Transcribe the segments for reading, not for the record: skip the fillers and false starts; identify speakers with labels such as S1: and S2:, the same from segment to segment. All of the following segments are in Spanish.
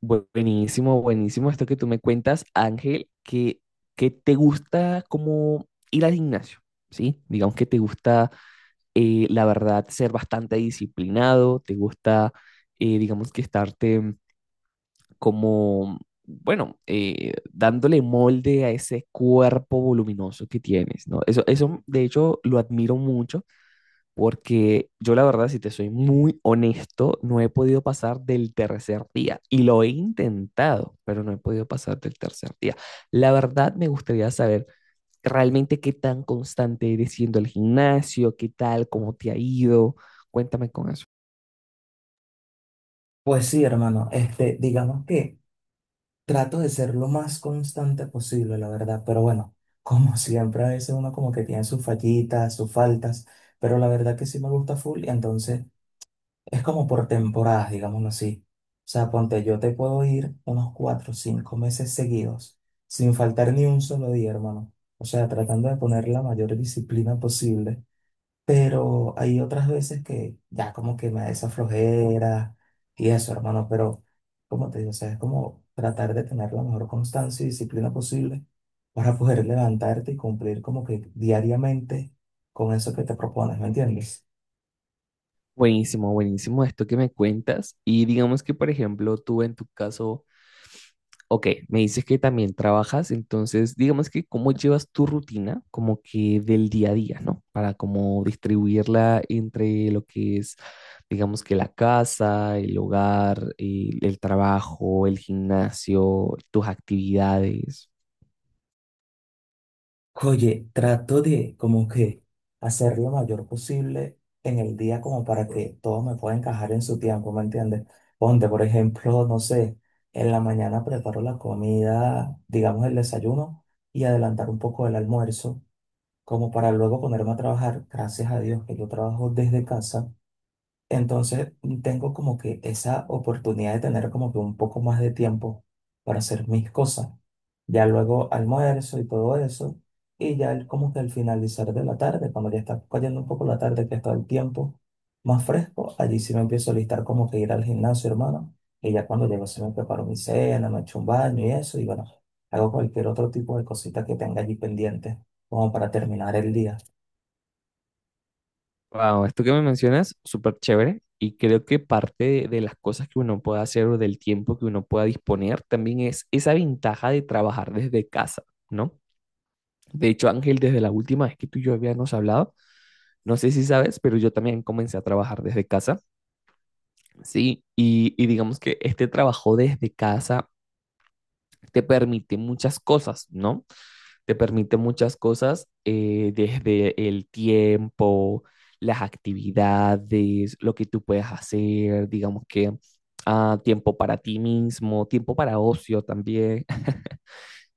S1: Buenísimo, buenísimo esto que tú me cuentas, Ángel, que te gusta como ir al gimnasio, ¿sí? Digamos que te gusta, la verdad, ser bastante disciplinado, te gusta, digamos que estarte como, bueno, dándole molde a ese cuerpo voluminoso que tienes, ¿no? Eso, de hecho, lo admiro mucho. Porque yo la verdad, si te soy muy honesto, no he podido pasar del tercer día. Y lo he intentado, pero no he podido pasar del tercer día. La verdad, me gustaría saber realmente qué tan constante eres siendo al gimnasio, qué tal, cómo te ha ido. Cuéntame con eso.
S2: Pues sí, hermano, digamos que trato de ser lo más constante posible, la verdad, pero bueno, como siempre, a veces uno como que tiene sus fallitas, sus faltas, pero la verdad que sí me gusta full y entonces es como por temporadas, digámoslo así. O sea, ponte, yo te puedo ir unos 4 o 5 meses seguidos, sin faltar ni un solo día, hermano. O sea, tratando de poner la mayor disciplina posible, pero hay otras veces que ya como que me da esa flojera y eso, hermano, pero como te digo, o sea, es como tratar de tener la mejor constancia y disciplina posible para poder levantarte y cumplir como que diariamente con eso que te propones, ¿me entiendes?
S1: Buenísimo, buenísimo esto que me cuentas. Y digamos que, por ejemplo, tú en tu caso. Ok, me dices que también trabajas, entonces digamos que cómo llevas tu rutina como que del día a día, ¿no? Para como distribuirla entre lo que es, digamos que la casa, el hogar, el trabajo, el gimnasio, tus actividades.
S2: Oye, trato de como que hacer lo mayor posible en el día como para que todo me pueda encajar en su tiempo, ¿me entiendes? Ponte, por ejemplo, no sé, en la mañana preparo la comida, digamos el desayuno, y adelantar un poco el almuerzo, como para luego ponerme a trabajar. Gracias a Dios que yo trabajo desde casa. Entonces tengo como que esa oportunidad de tener como que un poco más de tiempo para hacer mis cosas. Ya luego almuerzo y todo eso. Y ya como que al finalizar de la tarde, cuando ya está cayendo un poco la tarde, que está el tiempo más fresco, allí sí me empiezo a listar como que ir al gimnasio, hermano. Y ya cuando llego sí me preparo mi cena, me echo un baño y eso. Y bueno, hago cualquier otro tipo de cosita que tenga allí pendiente como para terminar el día.
S1: Wow, esto que me mencionas, súper chévere. Y creo que parte de las cosas que uno pueda hacer o del tiempo que uno pueda disponer también es esa ventaja de trabajar desde casa, ¿no? De hecho, Ángel, desde la última vez que tú y yo habíamos hablado, no sé si sabes, pero yo también comencé a trabajar desde casa, ¿sí? Y digamos que este trabajo desde casa te permite muchas cosas, ¿no? Te permite muchas cosas, desde el tiempo, las actividades, lo que tú puedes hacer, digamos que ah, tiempo para ti mismo, tiempo para ocio también,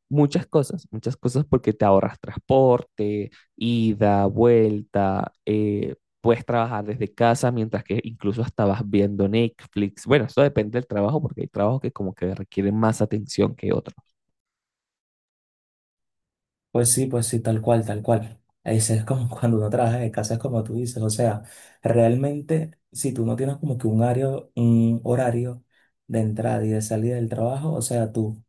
S1: muchas cosas, muchas cosas porque te ahorras transporte, ida, vuelta, puedes trabajar desde casa mientras que incluso estabas viendo Netflix. Bueno, eso depende del trabajo porque hay trabajos que como que requieren más atención que otros.
S2: Pues sí, tal cual, tal cual. Ese es como cuando uno trabaja de casa, es como tú dices. O sea, realmente, si tú no tienes como que un horario de entrada y de salida del trabajo, o sea, tú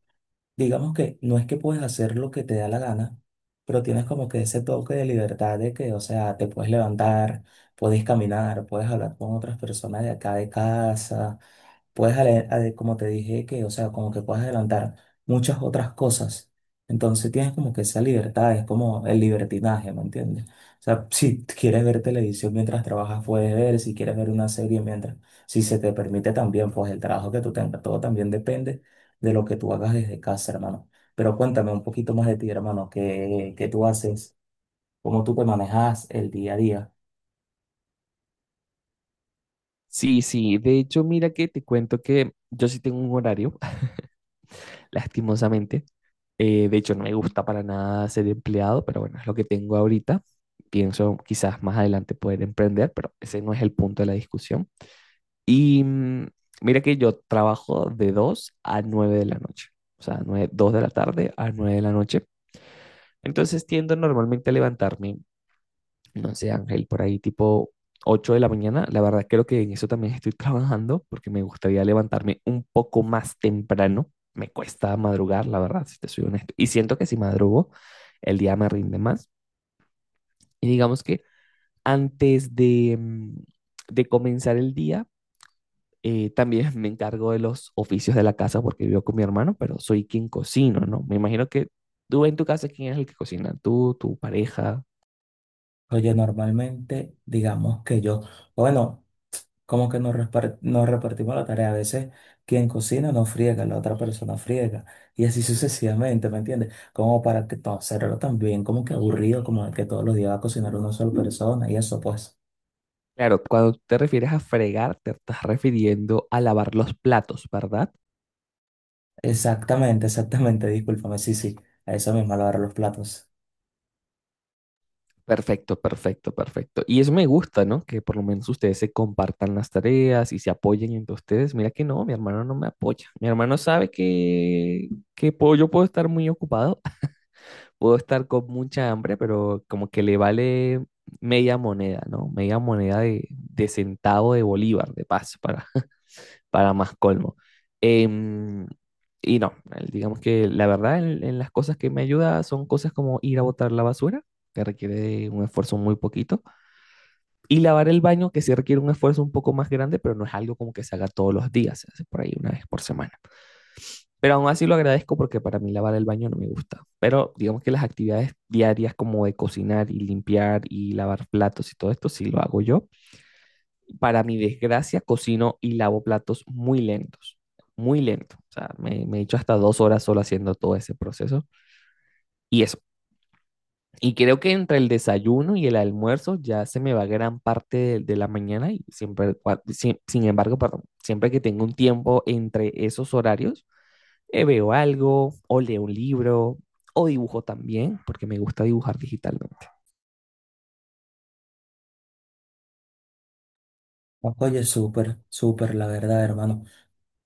S2: digamos que no es que puedes hacer lo que te da la gana, pero tienes como que ese toque de libertad de que, o sea, te puedes levantar, puedes caminar, puedes hablar con otras personas de acá de casa, puedes, como te dije, que, o sea, como que puedes adelantar muchas otras cosas. Entonces tienes como que esa libertad, es como el libertinaje, ¿me entiendes? O sea, si quieres ver televisión mientras trabajas, puedes ver, si quieres ver una serie mientras, si se te permite también, pues el trabajo que tú tengas, todo también depende de lo que tú hagas desde casa, hermano. Pero cuéntame un poquito más de ti, hermano, qué tú haces, cómo tú te manejas el día a día.
S1: Sí, sí, de hecho, mira que te cuento que yo sí tengo un horario, lastimosamente. De hecho, no me gusta para nada ser empleado, pero bueno, es lo que tengo ahorita. Pienso quizás más adelante poder emprender, pero ese no es el punto de la discusión. Y mira que yo trabajo de 2 a 9 de la noche, o sea, 9 2 de la tarde a 9 de la noche. Entonces tiendo normalmente a levantarme, no sé, Ángel, por ahí tipo 8 de la mañana. La verdad creo que en eso también estoy trabajando porque me gustaría levantarme un poco más temprano. Me cuesta madrugar, la verdad, si te soy honesto. Y siento que si madrugo, el día me rinde más. Y digamos que antes de, de comenzar el día, también me encargo de los oficios de la casa porque vivo con mi hermano, pero soy quien cocino, ¿no? Me imagino que tú en tu casa, ¿quién es el que cocina? ¿Tú, tu pareja?
S2: Oye, normalmente, digamos que yo, bueno, como que nos repartimos la tarea. A veces quien cocina no friega, la otra persona friega. Y así sucesivamente, ¿me entiendes? Como para que todo hacerlo también, como que aburrido, como que todos los días va a cocinar una sola persona y eso, pues.
S1: Claro, cuando te refieres a fregar, te estás refiriendo a lavar los platos, ¿verdad?
S2: Exactamente, exactamente, discúlpame, sí, sí, a eso mismo, lavar los platos.
S1: Perfecto, perfecto, perfecto. Y eso me gusta, ¿no? Que por lo menos ustedes se compartan las tareas y se apoyen entre ustedes. Mira que no, mi hermano no me apoya. Mi hermano sabe que, yo puedo estar muy ocupado, puedo estar con mucha hambre, pero como que le vale media moneda, ¿no? Media moneda de centavo de bolívar, de paso, para, para más colmo. Em, y no, digamos que la verdad en las cosas que me ayuda son cosas como ir a botar la basura, que requiere de un esfuerzo muy poquito, y lavar el baño, que sí requiere un esfuerzo un poco más grande, pero no es algo como que se haga todos los días, se hace por ahí una vez por semana. Pero aún así lo agradezco porque para mí lavar el baño no me gusta. Pero digamos que las actividades diarias como de cocinar y limpiar y lavar platos y todo esto sí lo hago yo. Para mi desgracia, cocino y lavo platos muy lentos, muy lento. O sea, me he hecho hasta 2 horas solo haciendo todo ese proceso. Y eso. Y creo que entre el desayuno y el almuerzo ya se me va gran parte de la mañana y siempre, sin embargo, perdón, siempre que tengo un tiempo entre esos horarios, veo algo, o leo un libro, o dibujo también, porque me gusta dibujar digitalmente.
S2: Oye, súper, súper, la verdad, hermano.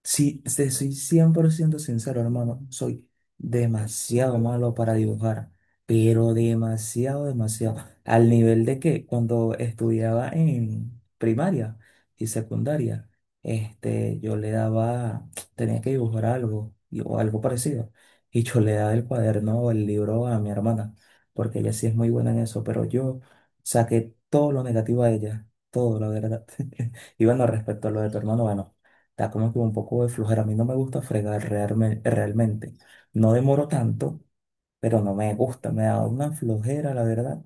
S2: Sí, te soy 100% sincero, hermano. Soy demasiado malo para dibujar, pero demasiado, demasiado. Al nivel de que cuando estudiaba en primaria y secundaria, yo le daba, tenía que dibujar algo o algo parecido. Y yo le daba el cuaderno o el libro a mi hermana, porque ella sí es muy buena en eso, pero yo saqué todo lo negativo a ella, todo, la verdad. Y bueno, respecto a lo de tu hermano, bueno. Da como que un poco de flojera. A mí no me gusta fregar realmente. No demoro tanto, pero no me gusta. Me da una flojera, la verdad.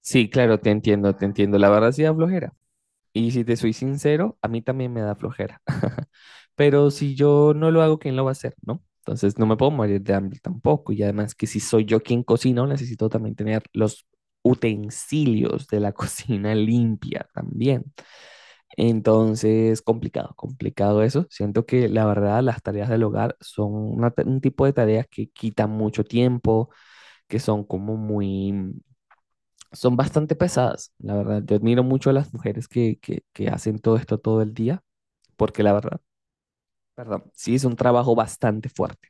S1: Sí, claro, te entiendo, te entiendo. La verdad sí da flojera. Y si te soy sincero, a mí también me da flojera. Pero si yo no lo hago, ¿quién lo va a hacer, no? Entonces no me puedo morir de hambre tampoco. Y además que si soy yo quien cocino, necesito también tener los utensilios de la cocina limpia también. Entonces, complicado, complicado eso. Siento que la verdad las tareas del hogar son una un tipo de tareas que quitan mucho tiempo, que son como muy, son bastante pesadas. La verdad, yo admiro mucho a las mujeres que hacen todo esto todo el día, porque la verdad, perdón, sí es un trabajo bastante fuerte.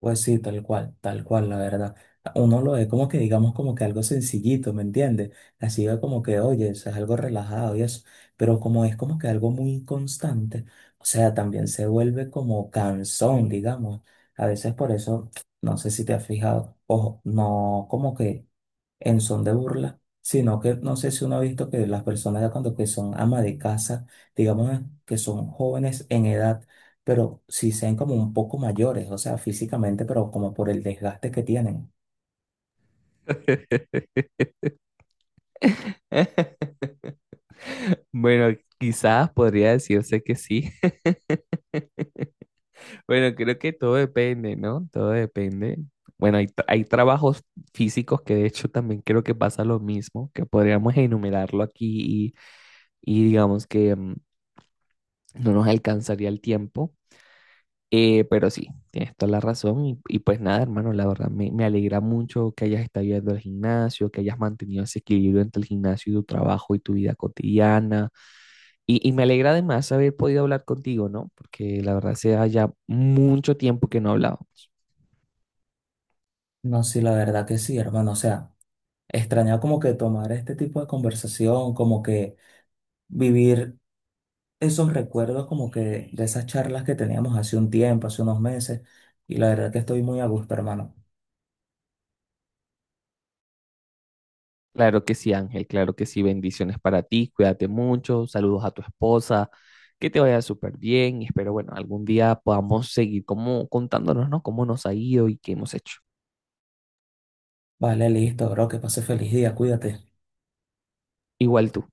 S2: Pues sí, tal cual, la verdad. Uno lo ve como que, digamos, como que algo sencillito, ¿me entiendes? Así es como que, oye, eso es algo relajado y eso. Pero como es como que algo muy constante, o sea, también se vuelve como cansón, digamos. A veces por eso, no sé si te has fijado, ojo, no como que en son de burla, sino que no sé si uno ha visto que las personas ya cuando que son ama de casa, digamos ¿no? que son jóvenes en edad, pero sí sean como un poco mayores, o sea, físicamente, pero como por el desgaste que tienen.
S1: Bueno, quizás podría decirse que sí. Bueno, creo que todo depende, ¿no? Todo depende. Bueno, hay, hay trabajos físicos que de hecho también creo que pasa lo mismo, que podríamos enumerarlo aquí y digamos que no nos alcanzaría el tiempo. Pero sí, tienes toda la razón y pues nada, hermano, la verdad me alegra mucho que hayas estado yendo al gimnasio, que hayas mantenido ese equilibrio entre el gimnasio y tu trabajo y tu vida cotidiana. Y me alegra además haber podido hablar contigo, ¿no? Porque la verdad hace ya mucho tiempo que no hablábamos.
S2: No, sí, la verdad que sí, hermano, o sea, extraña como que tomar este tipo de conversación, como que vivir esos recuerdos como que de esas charlas que teníamos hace un tiempo, hace unos meses, y la verdad que estoy muy a gusto, hermano.
S1: Claro que sí, Ángel, claro que sí. Bendiciones para ti, cuídate mucho, saludos a tu esposa, que te vaya súper bien y espero, bueno, algún día podamos seguir como contándonos, ¿no? Cómo nos ha ido y qué hemos hecho.
S2: Vale, listo, bro, que pase feliz día, cuídate.
S1: Igual tú.